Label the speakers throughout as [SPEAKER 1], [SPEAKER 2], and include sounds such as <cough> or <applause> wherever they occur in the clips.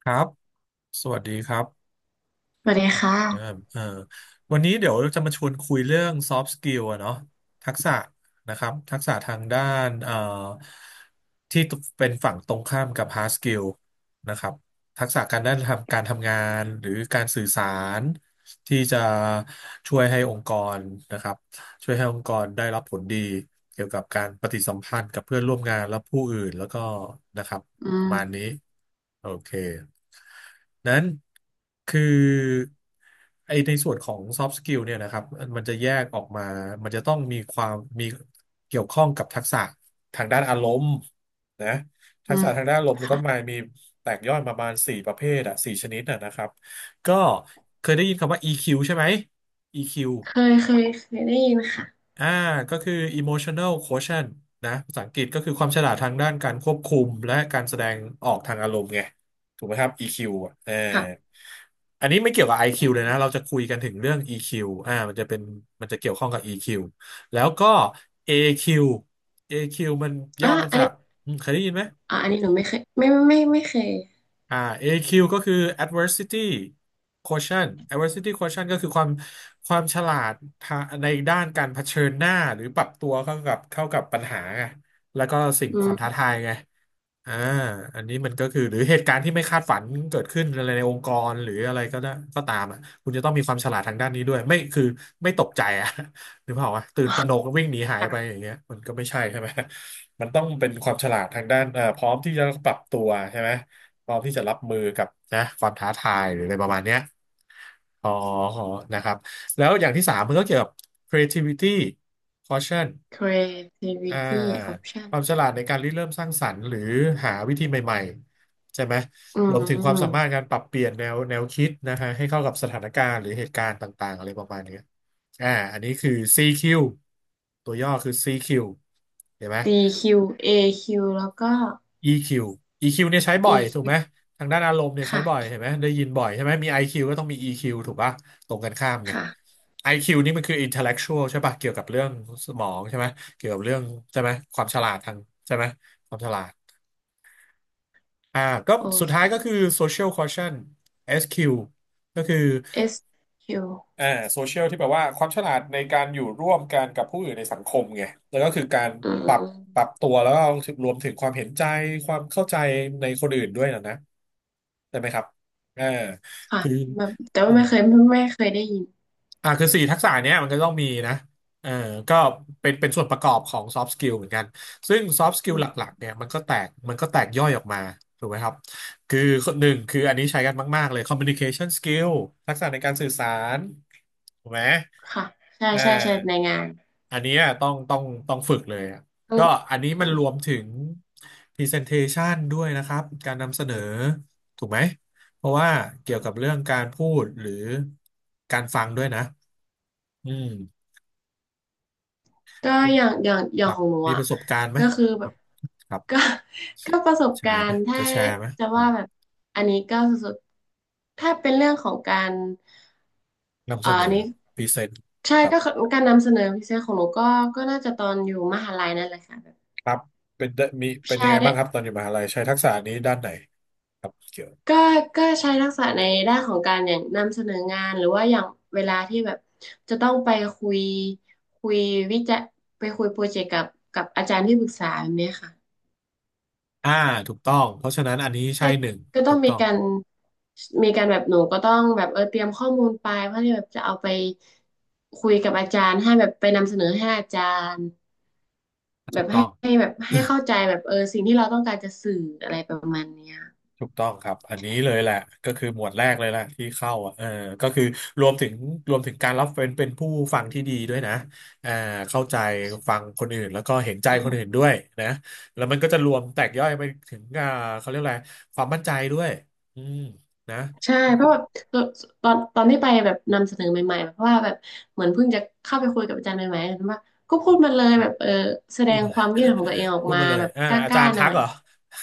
[SPEAKER 1] ครับสวัสดีครับ
[SPEAKER 2] สวัสดี
[SPEAKER 1] เออ
[SPEAKER 2] ค่ะ
[SPEAKER 1] เออวันนี้เดี๋ยวจะมาชวนคุยเรื่อง soft skill อะเนาะทักษะนะครับทักษะทางด้านที่เป็นฝั่งตรงข้ามกับ hard skill นะครับทักษะการด้านทำการทำงานหรือการสื่อสารที่จะช่วยให้องค์กรนะครับช่วยให้องค์กรได้รับผลดีเกี่ยวกับการปฏิสัมพันธ์กับเพื่อนร่วมงานและผู้อื่นแล้วก็นะครับ
[SPEAKER 2] อื
[SPEAKER 1] ประมาณ
[SPEAKER 2] ม
[SPEAKER 1] นี้โอเค นั้นคือไอในส่วนของ soft skill เนี่ยนะครับมันจะแยกออกมามันจะต้องมีความมีเกี่ยวข้องกับทักษะทางด้านอารมณ์นะทั
[SPEAKER 2] อื
[SPEAKER 1] ก
[SPEAKER 2] ม
[SPEAKER 1] ษะทางด้านอารมณ์ก็มา
[SPEAKER 2] ค่ะ
[SPEAKER 1] มีแตกย่อยประมาณสี่ประเภทอะสี่ชนิดอะนะครับก็เคยได้ยินคำว่า EQ ใช่ไหม EQ
[SPEAKER 2] เคยได้ยินค่ะ
[SPEAKER 1] อ่าก็คือ emotional quotient นะภาษาอังกฤษก็คือความฉลาดทางด้านการควบคุมและการแสดงออกทางอารมณ์ไงถูกไหมครับ EQ อ่ะเออ
[SPEAKER 2] ค่ะ
[SPEAKER 1] อันนี้ไม่เกี่ยวกับ
[SPEAKER 2] อื
[SPEAKER 1] IQ เลย
[SPEAKER 2] ม
[SPEAKER 1] นะเราจะคุยกันถึงเรื่อง EQ มันจะเป็นมันจะเกี่ยวข้องกับ EQ แล้วก็ AQ AQ มันย่
[SPEAKER 2] อ่ะ
[SPEAKER 1] อมา
[SPEAKER 2] อัน
[SPEAKER 1] จา
[SPEAKER 2] นี้
[SPEAKER 1] กเคยได้ยินไหม
[SPEAKER 2] อ่ะอันนี้หนูไม่เคยไม่ไม่ไม่ไม่เคย
[SPEAKER 1] อ่า AQ ก็คือ adversity quotient adversity quotient ก็คือความความฉลาดทาในด้านการเผชิญหน้าหรือปรับตัวเข้ากับปัญหาไงแล้วก็สิ่ง
[SPEAKER 2] อื
[SPEAKER 1] ควา
[SPEAKER 2] ม
[SPEAKER 1] มท้าทายไงอ่าอันนี้มันก็คือหรือเหตุการณ์ที่ไม่คาดฝันเกิดขึ้นอะไรในองค์กรหรืออะไรก็ได้ก็ตามอ่ะคุณจะต้องมีความฉลาดทางด้านนี้ด้วยไม่คือไม่ตกใจอ่ะ <laughs> หรือเปล่าวะตื่นตระหนกวิ่งหนีหายไปอย่างเงี้ยมันก็ไม่ใช่ใช่ไหมมันต้องเป็นความฉลาดทางด้านพร้อมที่จะปรับตัวใช่ไหม พร้อมที่จะรับมือกับนะความท้าทายหรืออะไรประมาณเนี้ยอขอนะครับแล้วอย่างที่สามมันก็เกี่ยวกับ creativity caution อ่า
[SPEAKER 2] creativity
[SPEAKER 1] ควา
[SPEAKER 2] option
[SPEAKER 1] มฉลาดในการริเริ่มสร้างสรรค์หรือหาวิธีใหม่ๆใช่ไหม
[SPEAKER 2] อื
[SPEAKER 1] รวมถึงความ
[SPEAKER 2] ม
[SPEAKER 1] สามารถการปรับเปลี่ยนแนวคิดนะฮะให้เข้ากับสถานการณ์หรือเหตุการณ์ต่างๆอะไรประมาณเนี้ยอ่าอันนี้คือ CQ ตัวย่อคือ CQ เห็นไหม
[SPEAKER 2] CQ AQ แล้วก็
[SPEAKER 1] EQ EQ เนี่ยใช้บ่อย
[SPEAKER 2] EQ
[SPEAKER 1] ถู
[SPEAKER 2] ค
[SPEAKER 1] ก
[SPEAKER 2] ว
[SPEAKER 1] ไหมทางด้านอารมณ์เนี่ยใช้บ่อย
[SPEAKER 2] ค่ะ
[SPEAKER 1] เห็นไหมได้ยินบ่อยใช่ไหมมี IQ ก็ต้องมี EQ ถูกปะตรงกันข้ามไง
[SPEAKER 2] ค่ะ
[SPEAKER 1] IQ นี่มันคือ intellectual ใช่ปะเกี่ยวกับเรื่องสมองใช่ไหมเกี่ยวกับเรื่องใช่ไหมความฉลาดทางใช่ไหมความฉลาดอ่าก็
[SPEAKER 2] โอ
[SPEAKER 1] สุด
[SPEAKER 2] เค
[SPEAKER 1] ท้ายก็คือ social quotient SQ ก็คือ
[SPEAKER 2] SQ อสคิว
[SPEAKER 1] อ่าโซเชียลที่แปลว่าความฉลาดในการอยู่ร่วมกันกับผู้อื่นในสังคมไงแล้วก็คือการ
[SPEAKER 2] อื
[SPEAKER 1] ปรับ
[SPEAKER 2] ม
[SPEAKER 1] ปรับตัวแล้วก็รวมถึงความเห็นใจความเข้าใจในคนอื่นด้วยนะนะใช่ไหมครับเอ่า
[SPEAKER 2] ค่ะ
[SPEAKER 1] คือ
[SPEAKER 2] แบบแต่ว่าไม่เคยได้ยิน
[SPEAKER 1] คือสี่ทักษะเนี้ยมันก็ต้องมีนะเออก็เป็นส่วนประกอบของซอฟ t ์สกิลเหมือนกัน ซึ่งซอฟ t ์สกิ
[SPEAKER 2] อื
[SPEAKER 1] ลห
[SPEAKER 2] ม
[SPEAKER 1] ลักๆเนี่ยมันก็แตกย่อยออกมาถูกไหมครับคือหนึ่งคืออันนี้ใช้กันมากๆเลย communication skill ทักษะในการสื่อสารถูกไหม
[SPEAKER 2] ค่ะใช่
[SPEAKER 1] เอ
[SPEAKER 2] ใช่ใช่ใน
[SPEAKER 1] อ
[SPEAKER 2] งาน
[SPEAKER 1] อันเนี้ยต้องฝึกเลยอะ
[SPEAKER 2] อื
[SPEAKER 1] ก็
[SPEAKER 2] ม
[SPEAKER 1] อันนี้
[SPEAKER 2] อื
[SPEAKER 1] มันรวมถึง presentation ด้วยนะครับการนำเสนอถูกไหมเพราะว่าเกี่ยวกับ
[SPEAKER 2] ม
[SPEAKER 1] เรื่องการพูดหรือการฟังด้วยนะ อืม
[SPEAKER 2] ก็อย่างอย่างอย่า
[SPEAKER 1] ค
[SPEAKER 2] ง
[SPEAKER 1] รับ
[SPEAKER 2] ของหนู
[SPEAKER 1] มีป
[SPEAKER 2] อ่ะ
[SPEAKER 1] ระสบการณ์ไหม
[SPEAKER 2] ก็คือ
[SPEAKER 1] ค
[SPEAKER 2] แบ
[SPEAKER 1] รั
[SPEAKER 2] บ
[SPEAKER 1] บครับ
[SPEAKER 2] <laughs> ก็ก็ประสบ
[SPEAKER 1] แช
[SPEAKER 2] กา
[SPEAKER 1] ร์ไห
[SPEAKER 2] ร
[SPEAKER 1] ม
[SPEAKER 2] ณ์ถ้า
[SPEAKER 1] จะแชร์ไหม
[SPEAKER 2] จะ
[SPEAKER 1] อื
[SPEAKER 2] ว่า
[SPEAKER 1] ม
[SPEAKER 2] แบบอันนี้ก็สุดๆถ้าเป็นเรื่องของการ
[SPEAKER 1] นำเสน
[SPEAKER 2] อัน
[SPEAKER 1] อ
[SPEAKER 2] นี้
[SPEAKER 1] พรีเซนต์
[SPEAKER 2] ใช่
[SPEAKER 1] ครับ
[SPEAKER 2] ก็คือการนำเสนอพิเศษของหนูก็ก็น่าจะตอนอยู่มหาลัยนั่นแหละค่ะแบบ
[SPEAKER 1] ครับเป็นได้มีเป็นยั
[SPEAKER 2] ใช่
[SPEAKER 1] งไง
[SPEAKER 2] ได้
[SPEAKER 1] บ้างครับตอนอยู่มหาลัยใช้ทักษะนี้ด้านไหนครับเกี่ยว
[SPEAKER 2] ก็ก็ใช้ทักษะในด้านของการอย่างนำเสนองานหรือว่าอย่างเวลาที่แบบจะต้องไปคุยคุยวิจัยไปคุยโปรเจกต์กับกับอาจารย์ที่ปรึกษาแบบเนี้ยค่ะ
[SPEAKER 1] อ่าถูกต้องเพราะฉะนั้นอันนี้ใช่
[SPEAKER 2] ใช่
[SPEAKER 1] หนึ่ง
[SPEAKER 2] ก็ต้
[SPEAKER 1] ถู
[SPEAKER 2] อง
[SPEAKER 1] ก
[SPEAKER 2] มี
[SPEAKER 1] ต้อง
[SPEAKER 2] การมีการแบบหนูก็ต้องแบบเตรียมข้อมูลไปเพื่อที่แบบจะเอาไปคุยกับอาจารย์ให้แบบไปนำเสนอให้อาจารย์แบ
[SPEAKER 1] ถูก
[SPEAKER 2] บ
[SPEAKER 1] ต้
[SPEAKER 2] ให้
[SPEAKER 1] อง
[SPEAKER 2] ให้แบบให้เข้า
[SPEAKER 1] <laughs>
[SPEAKER 2] ใจแบบสิ่งที่เราต้องการจะสื่ออะไรประมาณเนี้ย
[SPEAKER 1] ถูกต้องครับอันนี้เลยแหละก็คือหมวดแรกเลยแหละที่เข้าอ่ะเออก็คือรวมถึงรวมถึงการรับเป็นผู้ฟังที่ดีด้วยนะอ่าเข้าใจฟังคนอื่นแล้วก็เห็นใจ
[SPEAKER 2] อ๋อ
[SPEAKER 1] คนอื่นด้วยนะแล้วมันก็จะรวมแตกย่อยไปถึงเขาเรียกอะไรความมั่นใจด้วยอืมนะ
[SPEAKER 2] ใช่เพราะแบบตอนตอนที่ไปแบบนำเสนอใหม่ๆแบบเพราะว่าแบบเหมือนเพิ่งจะเข้าไปคุยกับอาจารย์ใหม่ๆเห็นว่าก็พูดมาเลยแบบแสด
[SPEAKER 1] พูด
[SPEAKER 2] ง
[SPEAKER 1] มาเล
[SPEAKER 2] ค
[SPEAKER 1] ย
[SPEAKER 2] วามคิดเห็นของตัวเองออ
[SPEAKER 1] <laughs>
[SPEAKER 2] ก
[SPEAKER 1] พูด
[SPEAKER 2] มา
[SPEAKER 1] มาเลย
[SPEAKER 2] แบบ
[SPEAKER 1] เอ่า
[SPEAKER 2] ก
[SPEAKER 1] ออาจา
[SPEAKER 2] ล้า
[SPEAKER 1] รย์
[SPEAKER 2] ๆห
[SPEAKER 1] ทั
[SPEAKER 2] น่อ
[SPEAKER 1] ก
[SPEAKER 2] ย
[SPEAKER 1] เหรอ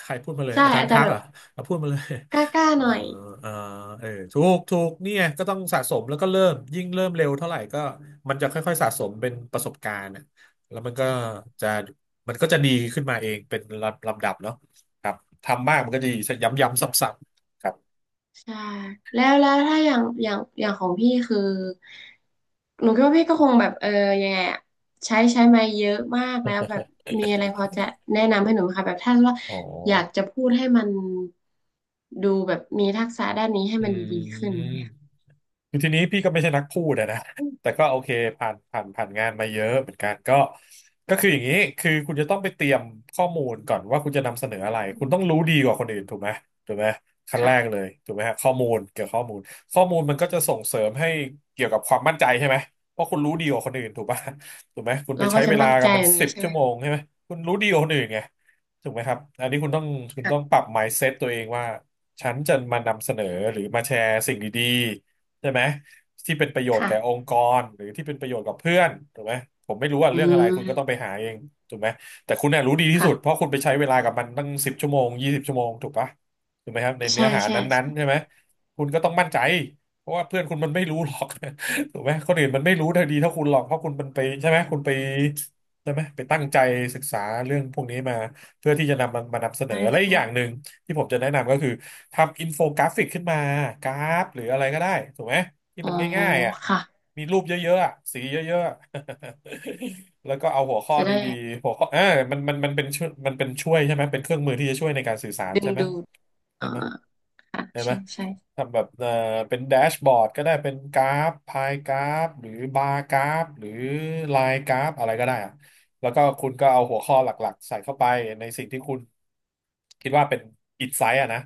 [SPEAKER 1] ใครพูดมาเลย
[SPEAKER 2] ใช่
[SPEAKER 1] อาจาร
[SPEAKER 2] อา
[SPEAKER 1] ย์
[SPEAKER 2] จา
[SPEAKER 1] ทั
[SPEAKER 2] รย์
[SPEAKER 1] ก
[SPEAKER 2] แบ
[SPEAKER 1] เหร
[SPEAKER 2] บ
[SPEAKER 1] อเอาพูดมาเลย
[SPEAKER 2] กล้า
[SPEAKER 1] <laughs>
[SPEAKER 2] ๆห
[SPEAKER 1] เออ
[SPEAKER 2] น่อย
[SPEAKER 1] เออเออถูกถูกเนี่ยก็ต้องสะสมแล้วก็เริ่ม ยิ่งเริ่มเร็วเท่าไหร่ก็มันจะค่อยๆสะสมเป็นประสบการณ์น่ะแล้วจะมันก็จะดีขึ้นมาเองเป็นลำลำดับเนาะครับ ทำมากมันก็จะดีย้ำๆซ้ำๆครับ
[SPEAKER 2] ใช่แล้วถ้าอย่างของพี่คือหนูคิดว่าพี่ก็คงแบบยังไงอะใช้มาเยอะมากแล้วแบบมีอะไรพอจะแนะนำให้หนูไหมคะแบบถ้าว่า
[SPEAKER 1] อ๋อ
[SPEAKER 2] อยากจะพูดให้มันดูแบบมีทักษะด้านนี้ให้มันดี
[SPEAKER 1] อื
[SPEAKER 2] ๆขึ้น
[SPEAKER 1] ม
[SPEAKER 2] เนี่ย
[SPEAKER 1] คือทีนี้พี่ก็ไม่ใช่นักพูดอะนะ <laughs> แต่ก็โอเคผ่านงานมาเยอะเหมือนกันก็คืออย่างนี้คือคุณจะต้องไปเตรียมข้อมูลก่อนว่าคุณจะนำเสนออะไร
[SPEAKER 2] อื
[SPEAKER 1] คุณต้องรู้
[SPEAKER 2] ม
[SPEAKER 1] ดีกว่าคนอื่นถูกไหมถูกไหมขั้นแรก
[SPEAKER 2] ค่ะ
[SPEAKER 1] เลยถูกไหมฮะข้อมูลเกี่ยวกับข้อมูลข้อมูลมันก็จะส่งเสริมให้เกี่ยวกับความมั่นใจใช่ไหมเพราะคุณรู้ดีกว่าคนอื่นถูกป่ะ <laughs> ถูกไหมคุณไป
[SPEAKER 2] เราก็
[SPEAKER 1] ใช้
[SPEAKER 2] จะ
[SPEAKER 1] เวลา
[SPEAKER 2] มั่นใจ
[SPEAKER 1] กับมัน
[SPEAKER 2] แบบ
[SPEAKER 1] สิ
[SPEAKER 2] นี้
[SPEAKER 1] บ
[SPEAKER 2] ใช่ไห
[SPEAKER 1] ชั่
[SPEAKER 2] ม
[SPEAKER 1] วโมงใช่ไหมคุณรู้ดีกว่าคนอื่นไงถูกไหมครับอันนี้คุณต้อง
[SPEAKER 2] ค่ะ
[SPEAKER 1] ปรับ mindset ตัวเองว่าฉันจะมานำเสนอหรือมาแชร์สิ่งดี ใช่ไหมที่เป็นประโยชน์
[SPEAKER 2] ค่ะ
[SPEAKER 1] แก่องค์กรหรือที่เป็นประโยชน์กับเพื่อนถูกไหมผมไม่รู้ว่า
[SPEAKER 2] อื
[SPEAKER 1] เรื่องอะไรคุณก็ต้องไป
[SPEAKER 2] ม
[SPEAKER 1] หาเองถูกไหมแต่คุณน่ะรู้ดีที่สุดเพราะ
[SPEAKER 2] ค่ะ
[SPEAKER 1] คุณไปใช้เวลากับมันตั้ง10 ชั่วโมง 20 ชั่วโมงถูกปะถูกไหมครับในเนื้อ
[SPEAKER 2] ใช่
[SPEAKER 1] หา
[SPEAKER 2] ใช่
[SPEAKER 1] นั้น
[SPEAKER 2] ใช่
[SPEAKER 1] ๆใช่ไหมคุณก็ต้องมั่นใจเพราะว่าเพื่อนคุณมันไม่รู้หรอก <laughs> ถูกไหมคนอื่นมันไม่รู้เท่าดีเท่าคุณหรอกเพราะคุณมันไปใช่ไหมคุณไปใช่ไหมไปตั้งใจศึกษาเรื่องพวกนี้มาเพื่อที่จะนำมันมานำเสนอ
[SPEAKER 2] ใช่
[SPEAKER 1] และอีกอย่าง
[SPEAKER 2] ใช่
[SPEAKER 1] หนึ่ง ที่ผมจะแนะนำก็คือทำอินโฟกราฟิกขึ้นมากราฟหรืออะไรก็ได้ถูกไหมที่
[SPEAKER 2] อ๋อ
[SPEAKER 1] มันง่ายๆอ่ะ
[SPEAKER 2] ค่ะ
[SPEAKER 1] มีรูปเยอะๆอะสีเยอะๆ <laughs> แล้วก็เอาหัวข้อ
[SPEAKER 2] จะได้
[SPEAKER 1] ดีๆหัวข้อมันเป็นช่วยมันเป็นช่วยใช่ไหมเป็นเครื่องมือที่จะช่วยในการสื่อสาร
[SPEAKER 2] ดึง
[SPEAKER 1] ใช่ไหม
[SPEAKER 2] ดูด
[SPEAKER 1] ใช่
[SPEAKER 2] อ่า
[SPEAKER 1] ไหม
[SPEAKER 2] ค่ะ
[SPEAKER 1] ได้ไหม
[SPEAKER 2] ใช่ใช่
[SPEAKER 1] ทำแบบเป็นแดชบอร์ดก็ได้เป็นกราฟพายกราฟหรือบาร์กราฟหรือไลน์กราฟอะไรก็ได้อะ แล้วก็คุณก็เอาหัวข้อหลักๆใส่เข้าไปในสิ่งที่คุณคิดว่าเป็นอินไซต์อะนะ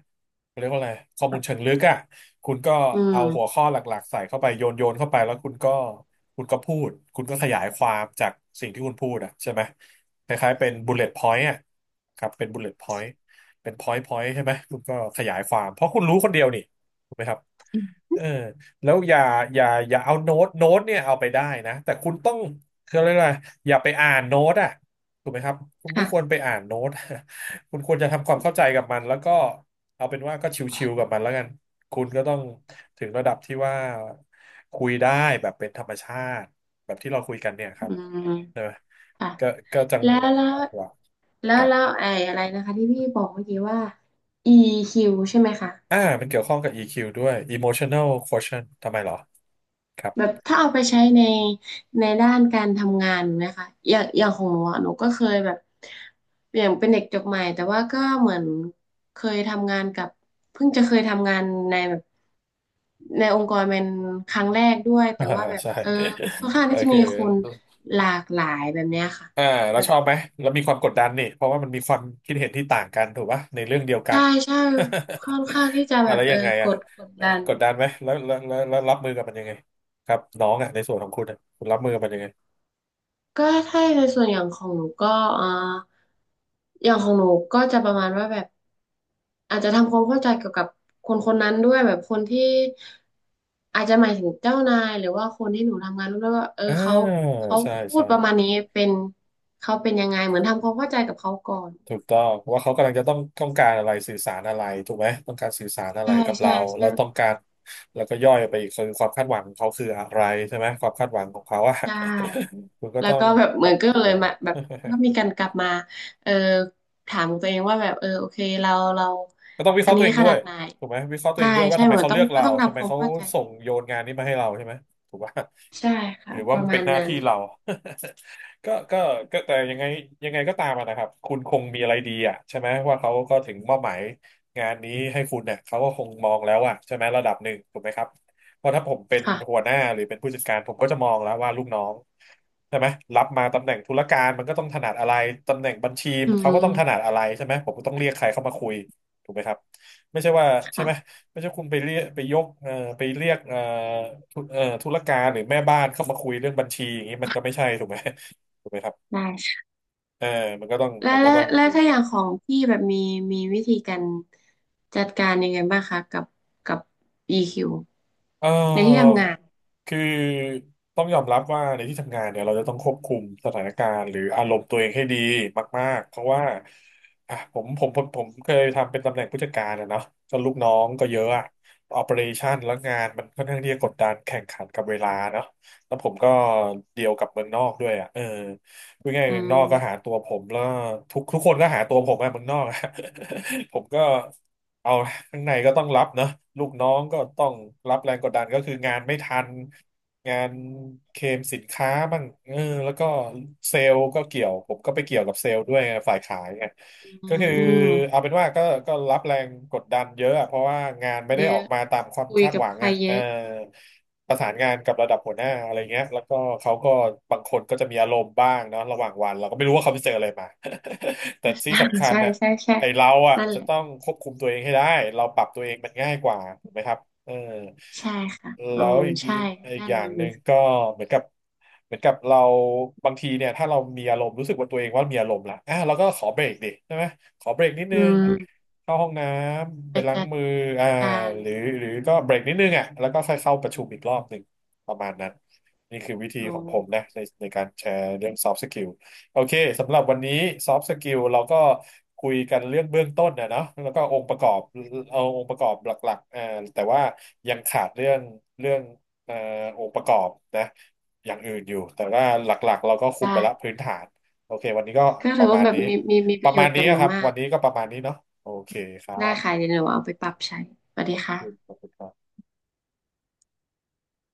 [SPEAKER 1] เรียกว่าอะไรข้อมูลเชิงลึกอะคุณก็
[SPEAKER 2] อื
[SPEAKER 1] เอาหัว
[SPEAKER 2] ม
[SPEAKER 1] ข้อหลักๆใส่เข้าไปโยนโยนเข้าไปแล้วคุณก็พูดคุณก็ขยายความจากสิ่งที่คุณพูดอะใช่ไหมคล้ายๆเป็นบุลเลต์พอยต์อะครับเป็นบุลเลต์พอยต์เป็นพอยต์พอยต์ใช่ไหมคุณก็ขยายความเพราะคุณรู้คนเดียวนี่ถูกไหมครับ เออแล้วอย่าเอาโน้ตเนี่ยเอาไปได้นะแต่คุณต้องคืออะไรยกว่าอย่าไปอ่านโน้ตอ่ะถูกไหมครับคุณไม่ควร
[SPEAKER 2] ค่ะ
[SPEAKER 1] ไปอ่านโน้ต <laughs> คุณควรจะทำความเข้าใจกับมันแล้วก็เอาเป็นว่าก็ชิวๆกับมันแล้วกันคุณก็ต้องถึงระดับที่ว่าคุยได้แบบเป็นธรรมชาติแบบที่เราคุยกันเนี่ยค
[SPEAKER 2] อื
[SPEAKER 1] รับ
[SPEAKER 2] ม
[SPEAKER 1] ใช่ไหม
[SPEAKER 2] อ่ะ
[SPEAKER 1] ก็ก็จัง
[SPEAKER 2] แล้วแล้ว
[SPEAKER 1] หวะ
[SPEAKER 2] แล้
[SPEAKER 1] ค
[SPEAKER 2] ว
[SPEAKER 1] รับ
[SPEAKER 2] แล้วไอ้อะไรนะคะที่พี่บอกเมื่อกี้ว่า EQ ใช่ไหมคะ
[SPEAKER 1] อ่ามันเกี่ยวข้องกับ e วด้วย Emotional Quotient ทำไมเหรอครับ
[SPEAKER 2] แบบถ้าเอาไปใช้ในด้านการทำงานนะคะอย่างอย่างของหนูอะหนูก็เคยแบบอย่างเป็นเด็กจบใหม่แต่ว่าก็เหมือนเคยทำงานกับเพิ่งจะเคยทำงานในแบบในองค์กรเป็นครั้งแรกด้วยแต่ว่า
[SPEAKER 1] <laughs>
[SPEAKER 2] แบบ
[SPEAKER 1] ใช่
[SPEAKER 2] ค่อนข้าง
[SPEAKER 1] โอ
[SPEAKER 2] ที่จะ
[SPEAKER 1] เค
[SPEAKER 2] มีคนหลากหลายแบบเนี้ยค่ะ
[SPEAKER 1] อ่าเราชอบไหมเรามีความกดดันนี่เพราะว่ามันมีความคิดเห็นที่ต่างกันถูกปะในเรื่องเดียวกั
[SPEAKER 2] ใช่
[SPEAKER 1] น
[SPEAKER 2] ใช่ค่อนข้างที่จะ
[SPEAKER 1] <laughs>
[SPEAKER 2] แบ
[SPEAKER 1] อะไร
[SPEAKER 2] บ
[SPEAKER 1] ยังไง
[SPEAKER 2] ก
[SPEAKER 1] อ่ะ
[SPEAKER 2] ดกดดัน
[SPEAKER 1] กดดันไหมแล้วรับมือกับมันยังไงครับน้องอ่ะในส่วนของคุณอ่ะคุณรับมือกับมันยังไง
[SPEAKER 2] ก็ถ้าในส่วนอย่างของหนูก็เอ่อย่างของหนูก็จะประมาณว่าแบบอาจจะทำความเข้าใจเกี่ยวกับคนคนนั้นด้วยแบบคนที่อาจจะหมายถึงเจ้านายหรือว่าคนที่หนูทำงานร่วมด้วยว่า
[SPEAKER 1] อ่า
[SPEAKER 2] เขาเขา
[SPEAKER 1] ใช่
[SPEAKER 2] พู
[SPEAKER 1] ใช่
[SPEAKER 2] ดประมาณนี้เป็นเขาเป็นยังไงเหมือนทำความเข้าใจกับเขาก่อน
[SPEAKER 1] ถูกต้องว่าเขากำลังจะต้องการอะไรสื่อสารอะไรถูกไหมต้องการสื่อสารอะไร
[SPEAKER 2] ใช่
[SPEAKER 1] กับ
[SPEAKER 2] ใช่
[SPEAKER 1] เราแล้
[SPEAKER 2] ใช่
[SPEAKER 1] วต้องการแล้วก็ย่อยไปอีกคือความคาดหวังของเขาคืออะไรใช่ไหมความคาดหวังของเขาอ่ะ
[SPEAKER 2] ใช่
[SPEAKER 1] <laughs> คุณก็
[SPEAKER 2] แล้ว
[SPEAKER 1] ต้อง
[SPEAKER 2] ก็แบบ
[SPEAKER 1] ป
[SPEAKER 2] เหมื
[SPEAKER 1] รั
[SPEAKER 2] อน
[SPEAKER 1] บ
[SPEAKER 2] ก็
[SPEAKER 1] ตั
[SPEAKER 2] เล
[SPEAKER 1] ว
[SPEAKER 2] ยมาแบบก็มีการกลับมาเออถามตัวเองว่าแบบโอเคเรา
[SPEAKER 1] ก็ต้องวิเค
[SPEAKER 2] อั
[SPEAKER 1] ราะ
[SPEAKER 2] น
[SPEAKER 1] ห์ตั
[SPEAKER 2] นี้
[SPEAKER 1] วเอง
[SPEAKER 2] ข
[SPEAKER 1] ด้ว
[SPEAKER 2] นา
[SPEAKER 1] ย
[SPEAKER 2] ดไหน
[SPEAKER 1] ถูกไหมวิเคราะห์ตัวเอ
[SPEAKER 2] ใช่
[SPEAKER 1] งด้วยว่า
[SPEAKER 2] ใช่
[SPEAKER 1] ทำไม
[SPEAKER 2] เหมือน
[SPEAKER 1] เขา
[SPEAKER 2] ต้อ
[SPEAKER 1] เลื
[SPEAKER 2] ง
[SPEAKER 1] อก
[SPEAKER 2] ก็
[SPEAKER 1] เรา
[SPEAKER 2] ต้อง
[SPEAKER 1] ทำไม
[SPEAKER 2] ทำความ
[SPEAKER 1] เขา
[SPEAKER 2] เข้าใจ
[SPEAKER 1] ส่งโยนงานนี้มาให้เราใช่ไหมถูกป่ะ
[SPEAKER 2] ใช่
[SPEAKER 1] <laughs>
[SPEAKER 2] ค่ะ
[SPEAKER 1] หรือ
[SPEAKER 2] ป
[SPEAKER 1] ว่า
[SPEAKER 2] ระ
[SPEAKER 1] มันเป็
[SPEAKER 2] มา
[SPEAKER 1] น
[SPEAKER 2] ณ
[SPEAKER 1] หน้า
[SPEAKER 2] นั้น
[SPEAKER 1] ที่เรา <laughs> ก็ก็ก็แต่ยังไงก็ตามอะนะครับคุณคงมีอะไรดีอ่ะใช่ไหมว่าเขาก็ถึงมอบหมายงานนี้ให้คุณเนี่ยเขาก็คงมองแล้วอ่ะใช่ไหมระดับหนึ่งถูกไหมครับเพราะถ้าผมเป็นหัว
[SPEAKER 2] ค่ะ
[SPEAKER 1] หน้าหรือเป็นผู้จัดการผมก็จะมองแล้วว่าลูกน้องใช่ไหมรับมาตำแหน่งธุรการมันก็ต้องถนัดอะไรตำแหน่งบัญชี
[SPEAKER 2] อื
[SPEAKER 1] เขาก็ต้องถนั
[SPEAKER 2] ม
[SPEAKER 1] ดอะไรใช่ไหมผมก็ต้องเรียกใครเข้ามาคุย ถูกไหมครับไม่ใช่ว่าใช่ไหม
[SPEAKER 2] ค่ะ
[SPEAKER 1] ไม่ใช่คุณไปเรียกไปยกไปเรียกธุธุรการหรือแม่บ้านเข้ามาคุยเรื่องบัญชีอย่างนี้มันก็ไม่ใช่ถูกไหมถูกไหมครับ
[SPEAKER 2] ได้ค่ะ
[SPEAKER 1] เออมันก็ต้อง
[SPEAKER 2] แล้
[SPEAKER 1] มั
[SPEAKER 2] ว
[SPEAKER 1] นก็
[SPEAKER 2] แล้ว
[SPEAKER 1] ต้อง
[SPEAKER 2] แล้ว
[SPEAKER 1] ดู
[SPEAKER 2] ถ้าอย่างของพี่แบบมีวิธีการจัดการยังไงบ้างคะกับกับ EQ
[SPEAKER 1] เอ
[SPEAKER 2] ในที่
[SPEAKER 1] อ
[SPEAKER 2] ทำงาน
[SPEAKER 1] คือต้องยอมรับว่าในที่ทำงานเนี่ยเราจะต้องควบคุมสถานการณ์หรืออารมณ์ตัวเองให้ดีมากๆเพราะว่าอ่ะผมเคยทำเป็นตำแหน่งผู้จัดการอะเนาะก็ลูกน้องก็เยอะอะออ e r a t i o นแล้วงานมันค่อนข้างที่จะกดดันแข่งขันกับเวลาเนาะแล้วผมก็เดียวกับเมืองนอกด้วยอะเออพูดง่าย
[SPEAKER 2] อื
[SPEAKER 1] ๆเมืองน
[SPEAKER 2] ม
[SPEAKER 1] อกก็หาตัวผมแล้วทุกคนก็หาตัวผมอะเมืองนอกอะ <laughs> ผมก็ เอาข้างในก็ต้องรับเนอะลูกน้องก็ต้องรับแรงกดดันก็คืองานไม่ทันงานเคลมสินค้าบ้างเออแล้วก็เซลล์ก็เกี่ยวผมก็ไปเกี่ยวกับเซลล์ด้วยไงฝ่ายขายไง
[SPEAKER 2] อื
[SPEAKER 1] ก็
[SPEAKER 2] ม
[SPEAKER 1] คือ
[SPEAKER 2] อืม
[SPEAKER 1] เอาเป็นว่าก็รับแรงกดดันเยอะอะเพราะว่างานไม่
[SPEAKER 2] เย
[SPEAKER 1] ได้ออ
[SPEAKER 2] อะ
[SPEAKER 1] กมาตามความ
[SPEAKER 2] คุย
[SPEAKER 1] คาด
[SPEAKER 2] กั
[SPEAKER 1] ห
[SPEAKER 2] บ
[SPEAKER 1] วัง
[SPEAKER 2] ใคร
[SPEAKER 1] อ่ะ
[SPEAKER 2] เย
[SPEAKER 1] เออ
[SPEAKER 2] อะ
[SPEAKER 1] ประสานงานกับระดับหัวหน้าอะไรเงี้ยแล้วก็เขาก็บางคนก็จะมีอารมณ์บ้างเนาะระหว่างวันเราก็ไม่รู้ว่าเขาไปเจออะไรมา <laughs> แต่ที่
[SPEAKER 2] ใช่
[SPEAKER 1] สำคัญ
[SPEAKER 2] ใช่
[SPEAKER 1] นะ
[SPEAKER 2] ใช่ใช่
[SPEAKER 1] ไอเราอ่ะ
[SPEAKER 2] นั่นแห
[SPEAKER 1] จะต้อ
[SPEAKER 2] ละ
[SPEAKER 1] งควบคุมตัวเองให้ได้เราปรับตัวเองมันง่ายกว่าถูกไหมครับเออ
[SPEAKER 2] ใช่ค่ะ โอ้
[SPEAKER 1] แล้วอีก
[SPEAKER 2] ใช่
[SPEAKER 1] อีก
[SPEAKER 2] ด้า
[SPEAKER 1] อ
[SPEAKER 2] น
[SPEAKER 1] ย่า
[SPEAKER 2] นี้
[SPEAKER 1] งห
[SPEAKER 2] หนู
[SPEAKER 1] นึ่งก็เหมือนกับเหมือนกับเราบางทีเนี่ยถ้าเรามีอารมณ์รู้สึกว่าตัวเองว่ามีอารมณ์ละอ่ะเราก็ขอเบรกดิใช่ไหมขอเบรกนิดนึ
[SPEAKER 2] อื
[SPEAKER 1] ง
[SPEAKER 2] ม
[SPEAKER 1] เข้าห้องน้ำ
[SPEAKER 2] ไป
[SPEAKER 1] ไปล้าง
[SPEAKER 2] จัด
[SPEAKER 1] มืออ่า
[SPEAKER 2] การ
[SPEAKER 1] หรือหรือก็เบรกนิดนึงอ่ะแล้วก็ค่อยเข้าประชุมอีกรอบหนึ่งประมาณนั้นนี่คือวิธี
[SPEAKER 2] โอ
[SPEAKER 1] ของผม
[SPEAKER 2] ้
[SPEAKER 1] นะในการแชร์เรื่อง soft skill โอเคสำหรับวันนี้ซอฟต์สกิลเราก็คุยกันเรื่องเบื้องต้นนะเนาะแล้วก็องค์ประกอบเอาองค์ประกอบหลักๆแต่ว่ายังขาดเรื่องเรื่องเอ่อองค์ประกอบนะอย่างอื่นอยู่แต่ว่าหลักๆเราก็คุม
[SPEAKER 2] ได้
[SPEAKER 1] ไปละพื้นฐานโอเควันนี้ก็
[SPEAKER 2] ก็
[SPEAKER 1] ป
[SPEAKER 2] ถือ
[SPEAKER 1] ระมา
[SPEAKER 2] ว่า
[SPEAKER 1] ณ
[SPEAKER 2] แบบ
[SPEAKER 1] นี้
[SPEAKER 2] มีป
[SPEAKER 1] ป
[SPEAKER 2] ระ
[SPEAKER 1] ระ
[SPEAKER 2] โย
[SPEAKER 1] มา
[SPEAKER 2] ช
[SPEAKER 1] ณ
[SPEAKER 2] น์
[SPEAKER 1] นี้
[SPEAKER 2] กับห
[SPEAKER 1] อะ
[SPEAKER 2] นู
[SPEAKER 1] ครับ
[SPEAKER 2] มา
[SPEAKER 1] วั
[SPEAKER 2] ก
[SPEAKER 1] นนี้ก็ประมาณนี้เนาะโอเคครั
[SPEAKER 2] ได้ค่ะ
[SPEAKER 1] บ
[SPEAKER 2] เดี๋ยวหนูเอาไปปรับใช้สวัสดี
[SPEAKER 1] ข
[SPEAKER 2] ค่ะ
[SPEAKER 1] อบคุณครับ